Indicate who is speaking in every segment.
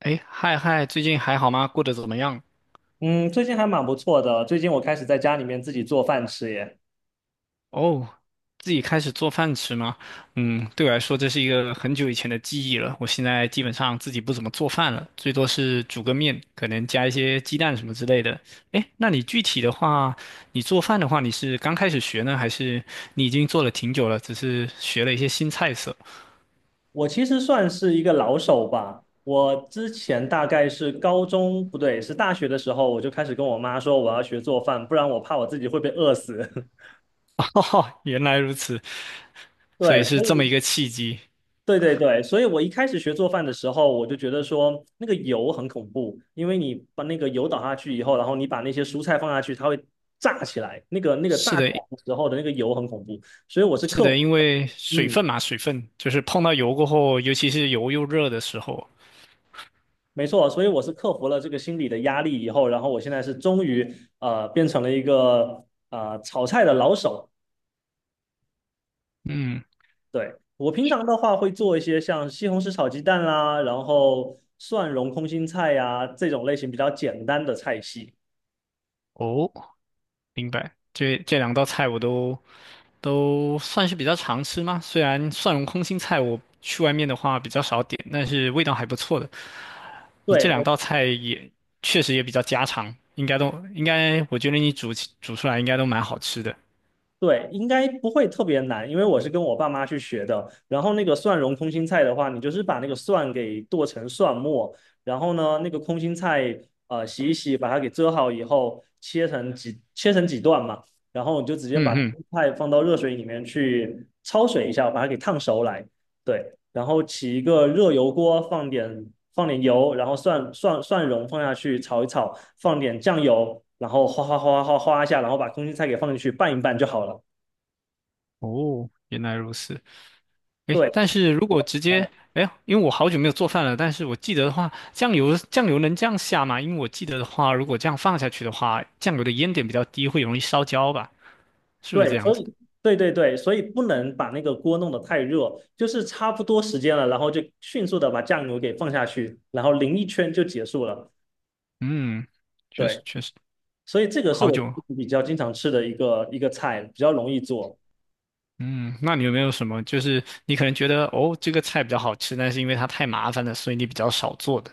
Speaker 1: 哎，嗨嗨，最近还好吗？过得怎么样？
Speaker 2: 嗯，最近还蛮不错的。最近我开始在家里面自己做饭吃耶。
Speaker 1: 哦，自己开始做饭吃吗？嗯，对我来说这是一个很久以前的记忆了。我现在基本上自己不怎么做饭了，最多是煮个面，可能加一些鸡蛋什么之类的。哎，那你具体的话，你做饭的话，你是刚开始学呢，还是你已经做了挺久了，只是学了一些新菜色？
Speaker 2: 我其实算是一个老手吧。我之前大概是高中，不对，是大学的时候，我就开始跟我妈说我要学做饭，不然我怕我自己会被饿死。
Speaker 1: 哈哈，原来如此，所
Speaker 2: 对，
Speaker 1: 以是
Speaker 2: 所
Speaker 1: 这么
Speaker 2: 以
Speaker 1: 一个契机。
Speaker 2: 对对对，所以我一开始学做饭的时候，我就觉得说那个油很恐怖，因为你把那个油倒下去以后，然后你把那些蔬菜放下去，它会炸起来，那个炸
Speaker 1: 是
Speaker 2: 起
Speaker 1: 的，
Speaker 2: 来的时候的那个油很恐怖，所以我是
Speaker 1: 是
Speaker 2: 克
Speaker 1: 的，
Speaker 2: 服。
Speaker 1: 因为水
Speaker 2: 嗯。
Speaker 1: 分嘛，水分就是碰到油过后，尤其是油又热的时候。
Speaker 2: 没错，所以我是克服了这个心理的压力以后，然后我现在是终于变成了一个炒菜的老手。
Speaker 1: 嗯。
Speaker 2: 对，我平常的话会做一些像西红柿炒鸡蛋啦，然后蒜蓉空心菜呀、这种类型比较简单的菜系。
Speaker 1: 哦，明白。这两道菜我都算是比较常吃嘛，虽然蒜蓉空心菜我去外面的话比较少点，但是味道还不错的。你这
Speaker 2: 对，
Speaker 1: 两
Speaker 2: 我
Speaker 1: 道菜也确实也比较家常，应该都应该，我觉得你煮出来应该都蛮好吃的。
Speaker 2: 对，应该不会特别难，因为我是跟我爸妈去学的。然后那个蒜蓉空心菜的话，你就是把那个蒜给剁成蒜末，然后呢，那个空心菜洗一洗，把它给遮好以后，切成几段嘛，然后你就直接把
Speaker 1: 嗯嗯。
Speaker 2: 菜放到热水里面去焯水一下，把它给烫熟来。对，然后起一个热油锅，放点油，然后蒜蓉放下去炒一炒，放点酱油，然后哗哗哗哗哗哗一下，然后把空心菜给放进去拌一拌就好了。
Speaker 1: 哦，原来如此。诶，
Speaker 2: 对，
Speaker 1: 但是如果直
Speaker 2: 是
Speaker 1: 接。
Speaker 2: 的，
Speaker 1: 哎，因为我好久没有做饭了，但是我记得的话，酱油能这样下吗？因为我记得的话，如果这样放下去的话，酱油的烟点比较低，会容易烧焦吧？是不是这
Speaker 2: 对，
Speaker 1: 样
Speaker 2: 所
Speaker 1: 子？
Speaker 2: 以，对对对，所以不能把那个锅弄得太热，就是差不多时间了，然后就迅速的把酱油给放下去，然后淋一圈就结束了。
Speaker 1: 嗯，确
Speaker 2: 对，
Speaker 1: 实确实，
Speaker 2: 所以这个是
Speaker 1: 好
Speaker 2: 我
Speaker 1: 久。
Speaker 2: 比较经常吃的一个菜，比较容易做。
Speaker 1: 嗯，那你有没有什么，就是你可能觉得哦，这个菜比较好吃，但是因为它太麻烦了，所以你比较少做的？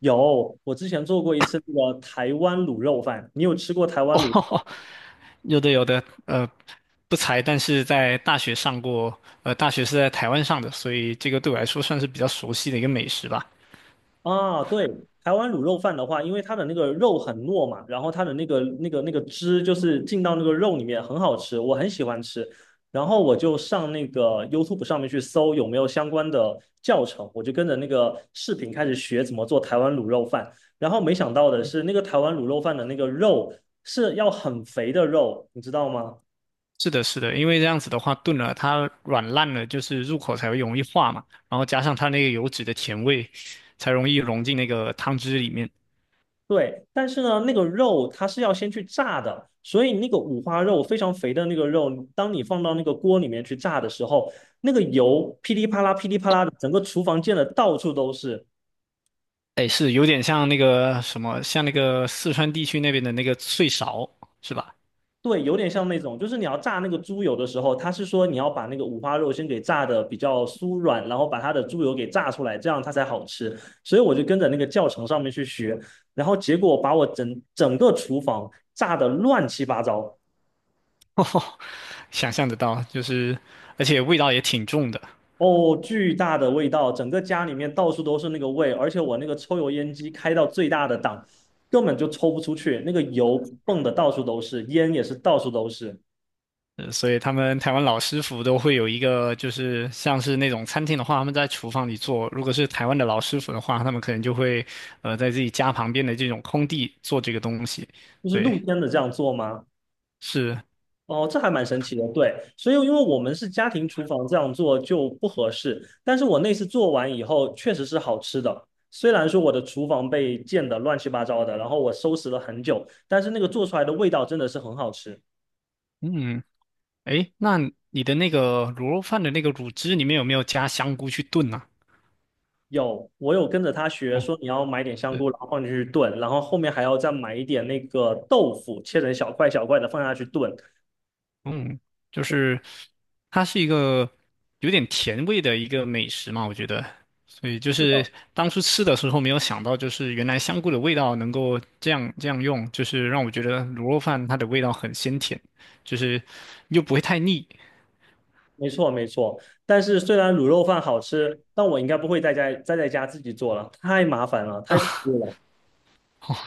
Speaker 2: 有，我之前做过一次那个台湾卤肉饭，你有吃过台 湾卤？
Speaker 1: 哦，有的有的，不才，但是在大学上过，大学是在台湾上的，所以这个对我来说算是比较熟悉的一个美食吧。
Speaker 2: 啊，对，台湾卤肉饭的话，因为它的那个肉很糯嘛，然后它的那个汁就是进到那个肉里面，很好吃，我很喜欢吃。然后我就上那个 YouTube 上面去搜有没有相关的教程，我就跟着那个视频开始学怎么做台湾卤肉饭。然后没想到的是，那个台湾卤肉饭的那个肉是要很肥的肉，你知道吗？
Speaker 1: 是的，是的，因为这样子的话，炖了它软烂了，就是入口才会容易化嘛，然后加上它那个油脂的甜味，才容易融进那个汤汁里面。
Speaker 2: 对，但是呢，那个肉它是要先去炸的，所以那个五花肉非常肥的那个肉，当你放到那个锅里面去炸的时候，那个油噼里啪啦、噼里啪啦的，整个厨房溅的到处都是。
Speaker 1: 哎，是有点像那个什么，像那个四川地区那边的那个脆勺，是吧？
Speaker 2: 对，有点像那种，就是你要炸那个猪油的时候，它是说你要把那个五花肉先给炸的比较酥软，然后把它的猪油给炸出来，这样它才好吃。所以我就跟着那个教程上面去学，然后结果把我整个厨房炸的乱七八糟。
Speaker 1: 哦，想象得到，就是而且味道也挺重的。
Speaker 2: 哦，巨大的味道，整个家里面到处都是那个味，而且我那个抽油烟机开到最大的档，根本就抽不出去，那个油蹦的到处都是，烟也是到处都是。
Speaker 1: 所以他们台湾老师傅都会有一个，就是像是那种餐厅的话，他们在厨房里做；如果是台湾的老师傅的话，他们可能就会在自己家旁边的这种空地做这个东西。
Speaker 2: 就是
Speaker 1: 对，
Speaker 2: 露天的这样做吗？
Speaker 1: 是，
Speaker 2: 哦，这还蛮神奇的。对，所以因为我们是家庭厨房这样做就不合适，但是我那次做完以后确实是好吃的。虽然说我的厨房被溅得乱七八糟的，然后我收拾了很久，但是那个做出来的味道真的是很好吃。
Speaker 1: 嗯，诶，那你的那个卤肉饭的那个卤汁里面有没有加香菇去炖呢、
Speaker 2: 有，我有跟着他学，
Speaker 1: 啊？哦，
Speaker 2: 说你要买点香菇，然后放进去炖，然后后面还要再买一点那个豆腐，切成小块小块的放下去炖。
Speaker 1: 嗯，就是它是一个有点甜味的一个美食嘛，我觉得。所以就
Speaker 2: 是
Speaker 1: 是
Speaker 2: 的，
Speaker 1: 当初吃的时候没有想到，就是原来香菇的味道能够这样这样用，就是让我觉得卤肉饭它的味道很鲜甜，就是又不会太腻
Speaker 2: 没错没错。但是虽然卤肉饭好吃，但我应该不会在家自己做了，太麻烦了，太
Speaker 1: 啊。
Speaker 2: 恐 怖了。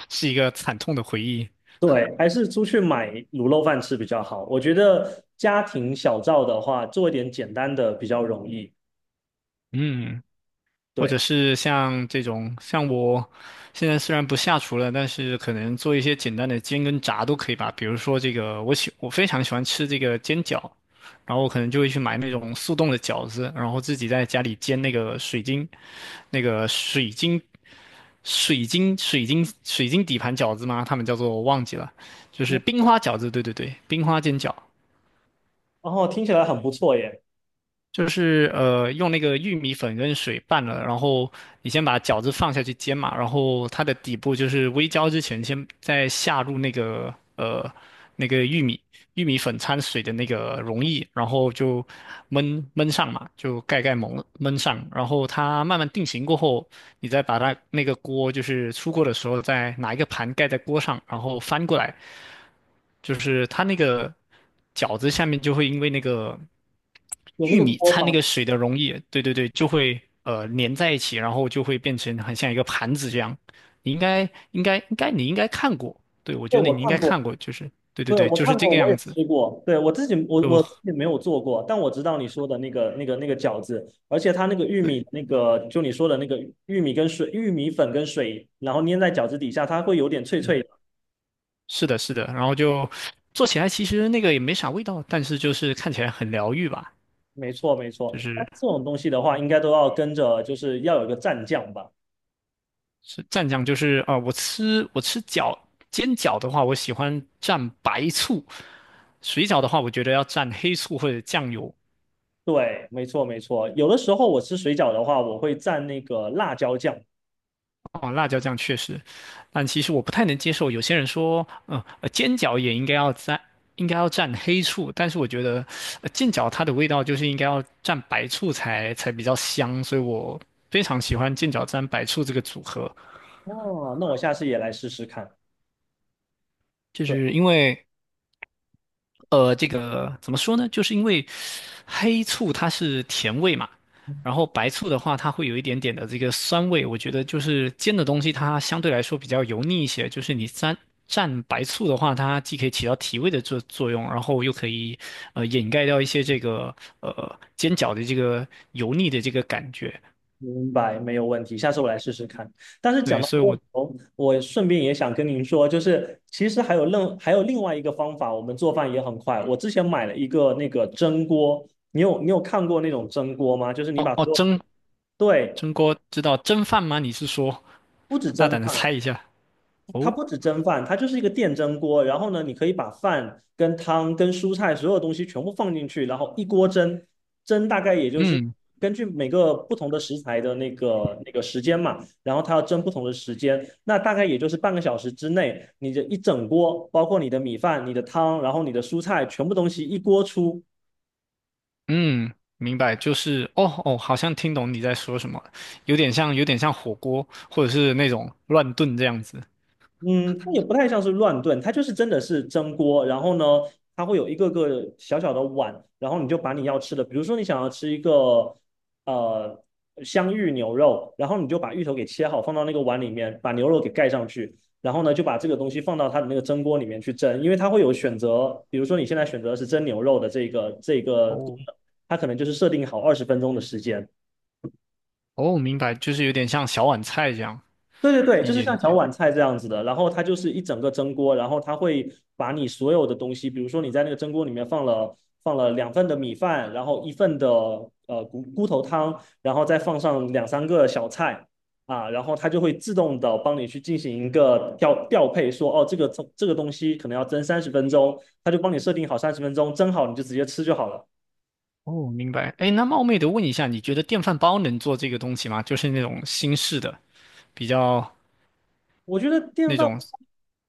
Speaker 1: 是一个惨痛的回忆。
Speaker 2: 对，还是出去买卤肉饭吃比较好。我觉得家庭小灶的话，做一点简单的比较容易。
Speaker 1: 嗯。或者
Speaker 2: 对，
Speaker 1: 是像这种，像我现在虽然不下厨了，但是可能做一些简单的煎跟炸都可以吧。比如说这个，我非常喜欢吃这个煎饺，然后我可能就会去买那种速冻的饺子，然后自己在家里煎那个水晶，那个水晶。底盘饺子嘛，他们叫做我忘记了，就是冰花饺子，对对对，冰花煎饺。
Speaker 2: 然后听起来很不错耶，
Speaker 1: 就是用那个玉米粉跟水拌了，然后你先把饺子放下去煎嘛，然后它的底部就是微焦之前，先再下入那个玉米粉掺水的那个溶液，然后就焖焖上嘛，就盖盖蒙焖上，然后它慢慢定型过后，你再把它那个锅就是出锅的时候，再拿一个盘盖在锅上，然后翻过来，就是它那个饺子下面就会因为那个。
Speaker 2: 有那
Speaker 1: 玉
Speaker 2: 个
Speaker 1: 米
Speaker 2: 锅
Speaker 1: 掺那
Speaker 2: 巴，
Speaker 1: 个水的溶液，对对对，就会粘在一起，然后就会变成很像一个盘子这样。你应该应该应该你应该看过，对，我
Speaker 2: 这
Speaker 1: 觉得
Speaker 2: 我
Speaker 1: 你应该
Speaker 2: 看
Speaker 1: 看
Speaker 2: 过。
Speaker 1: 过，就是对对
Speaker 2: 对，
Speaker 1: 对，
Speaker 2: 我
Speaker 1: 就是
Speaker 2: 看
Speaker 1: 这
Speaker 2: 过，
Speaker 1: 个
Speaker 2: 我
Speaker 1: 样
Speaker 2: 也
Speaker 1: 子，
Speaker 2: 吃过。对，我自己，我
Speaker 1: 就
Speaker 2: 我自己没有做过，但我知道你说的那个饺子，而且它那个玉
Speaker 1: 对，
Speaker 2: 米，那个就你说的那个玉米跟水、玉米粉跟水，然后粘在饺子底下，它会有点脆脆
Speaker 1: 嗯，
Speaker 2: 的。
Speaker 1: 是的，是的，然后就做起来其实那个也没啥味道，但是就是看起来很疗愈吧，
Speaker 2: 没错，没错。
Speaker 1: 就是
Speaker 2: 但这种东西的话，应该都要跟着，就是要有一个蘸酱吧？
Speaker 1: 是蘸酱，就是啊、我吃煎饺的话，我喜欢蘸白醋，水饺的话，我觉得要蘸黑醋或者酱油。
Speaker 2: 对，没错，没错。有的时候我吃水饺的话，我会蘸那个辣椒酱。
Speaker 1: 哦，辣椒酱确实，但其实我不太能接受。有些人说，煎饺也应该要蘸，黑醋，但是我觉得，煎饺它的味道就是应该要蘸白醋才比较香，所以我非常喜欢煎饺蘸白醋这个组合，
Speaker 2: 哦，那我下次也来试试看。
Speaker 1: 就
Speaker 2: 对。
Speaker 1: 是因为这个怎么说呢？就是因为黑醋它是甜味嘛，然后白醋的话，它会有一点点的这个酸味。我觉得就是煎的东西，它相对来说比较油腻一些。就是你蘸白醋的话，它既可以起到提味的作用，然后又可以掩盖掉一些这个煎饺的这个油腻的这个感觉。
Speaker 2: 明白，没有问题，下次我来试试看。但是讲
Speaker 1: 对，
Speaker 2: 到
Speaker 1: 所以
Speaker 2: 过
Speaker 1: 我
Speaker 2: 头，我顺便也想跟您说，就是其实还有另外一个方法，我们做饭也很快。我之前买了一个那个蒸锅，你有看过那种蒸锅吗？就是你
Speaker 1: 哦
Speaker 2: 把
Speaker 1: 哦，
Speaker 2: 所有，
Speaker 1: 蒸
Speaker 2: 对，
Speaker 1: 蒸锅知道蒸饭吗？你是说
Speaker 2: 不止
Speaker 1: 大
Speaker 2: 蒸
Speaker 1: 胆的
Speaker 2: 饭，
Speaker 1: 猜一下
Speaker 2: 它
Speaker 1: 哦，
Speaker 2: 不止蒸饭，它就是一个电蒸锅。然后呢，你可以把饭跟汤跟蔬菜所有东西全部放进去，然后一锅蒸，蒸大概也就是
Speaker 1: 嗯。
Speaker 2: 根据每个不同的食材的那个时间嘛，然后它要蒸不同的时间，那大概也就是半个小时之内，你这一整锅，包括你的米饭、你的汤，然后你的蔬菜，全部东西一锅出，
Speaker 1: 嗯，明白，就是哦哦，好像听懂你在说什么了，有点像火锅，或者是那种乱炖这样子。
Speaker 2: 嗯，它也不太像是乱炖，它就是真的是蒸锅，然后呢，它会有一个个小小的碗，然后你就把你要吃的，比如说你想要吃一个呃香芋牛肉，然后你就把芋头给切好放到那个碗里面，把牛肉给盖上去，然后呢就把这个东西放到它的那个蒸锅里面去蒸，因为它会有选择，比如说你现在选择是蒸牛肉的这个，
Speaker 1: 哦
Speaker 2: 它可能就是设定好20分钟的时间，
Speaker 1: 哦，明白，就是有点像小碗菜这样，
Speaker 2: 对对对，
Speaker 1: 理
Speaker 2: 就是
Speaker 1: 解理
Speaker 2: 像小
Speaker 1: 解。
Speaker 2: 碗菜这样子的，然后它就是一整个蒸锅，然后它会把你所有的东西，比如说你在那个蒸锅里面放了2份的米饭，然后1份的骨头汤，然后再放上两三个小菜啊，然后它就会自动的帮你去进行一个调配说，哦这个东西可能要蒸三十分钟，它就帮你设定好三十分钟，蒸好你就直接吃就好了。
Speaker 1: 哦，明白。哎，那冒昧的问一下，你觉得电饭煲能做这个东西吗？就是那种新式的，比较
Speaker 2: 我觉得电
Speaker 1: 那
Speaker 2: 饭。
Speaker 1: 种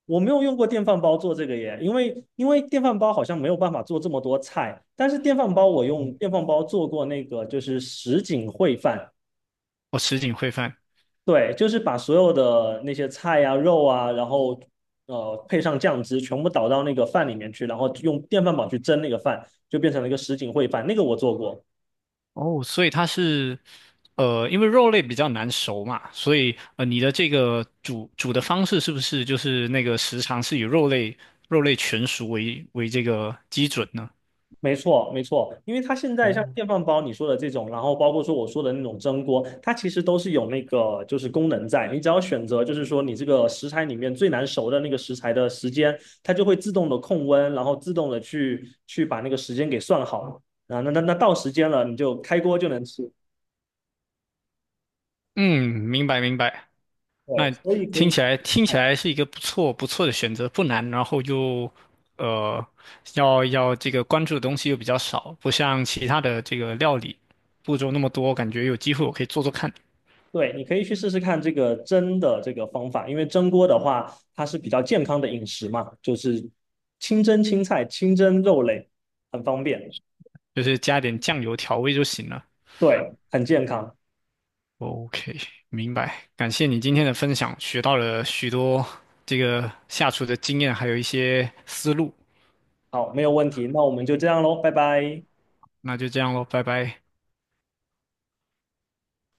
Speaker 2: 我没有用过电饭煲做这个耶，因为电饭煲好像没有办法做这么多菜，但是电饭煲我用电饭煲做过那个就是什锦烩饭，
Speaker 1: 哦，什锦烩饭。
Speaker 2: 对，就是把所有的那些菜啊、肉啊，然后配上酱汁，全部倒到那个饭里面去，然后用电饭煲去蒸那个饭，就变成了一个什锦烩饭，那个我做过。
Speaker 1: 哦，所以它是，因为肉类比较难熟嘛，所以你的这个煮的方式是不是就是那个时长是以肉类全熟为这个基准呢？
Speaker 2: 没错，没错，因为它现在像
Speaker 1: 哦，
Speaker 2: 电饭煲你说的这种，然后包括说我说的那种蒸锅，它其实都是有那个就是功能在，你只要选择就是说你这个食材里面最难熟的那个食材的时间，它就会自动的控温，然后自动的去把那个时间给算好啊，那到时间了你就开锅就能吃，
Speaker 1: 嗯，明白明白。那
Speaker 2: 对，所以可
Speaker 1: 听起
Speaker 2: 以。
Speaker 1: 来听起来是一个不错不错的选择，不难，然后又呃，要这个关注的东西又比较少，不像其他的这个料理步骤那么多，感觉有机会我可以做做看，
Speaker 2: 对，你可以去试试看这个蒸的这个方法，因为蒸锅的话，它是比较健康的饮食嘛，就是清蒸青菜、清蒸肉类，很方便，
Speaker 1: 就是加点酱油调味就行了。
Speaker 2: 对，很健康。
Speaker 1: OK，明白。感谢你今天的分享，学到了许多这个下厨的经验，还有一些思路。
Speaker 2: 好，没有问题，那我们就这样喽，拜拜。
Speaker 1: 那就这样喽，拜拜。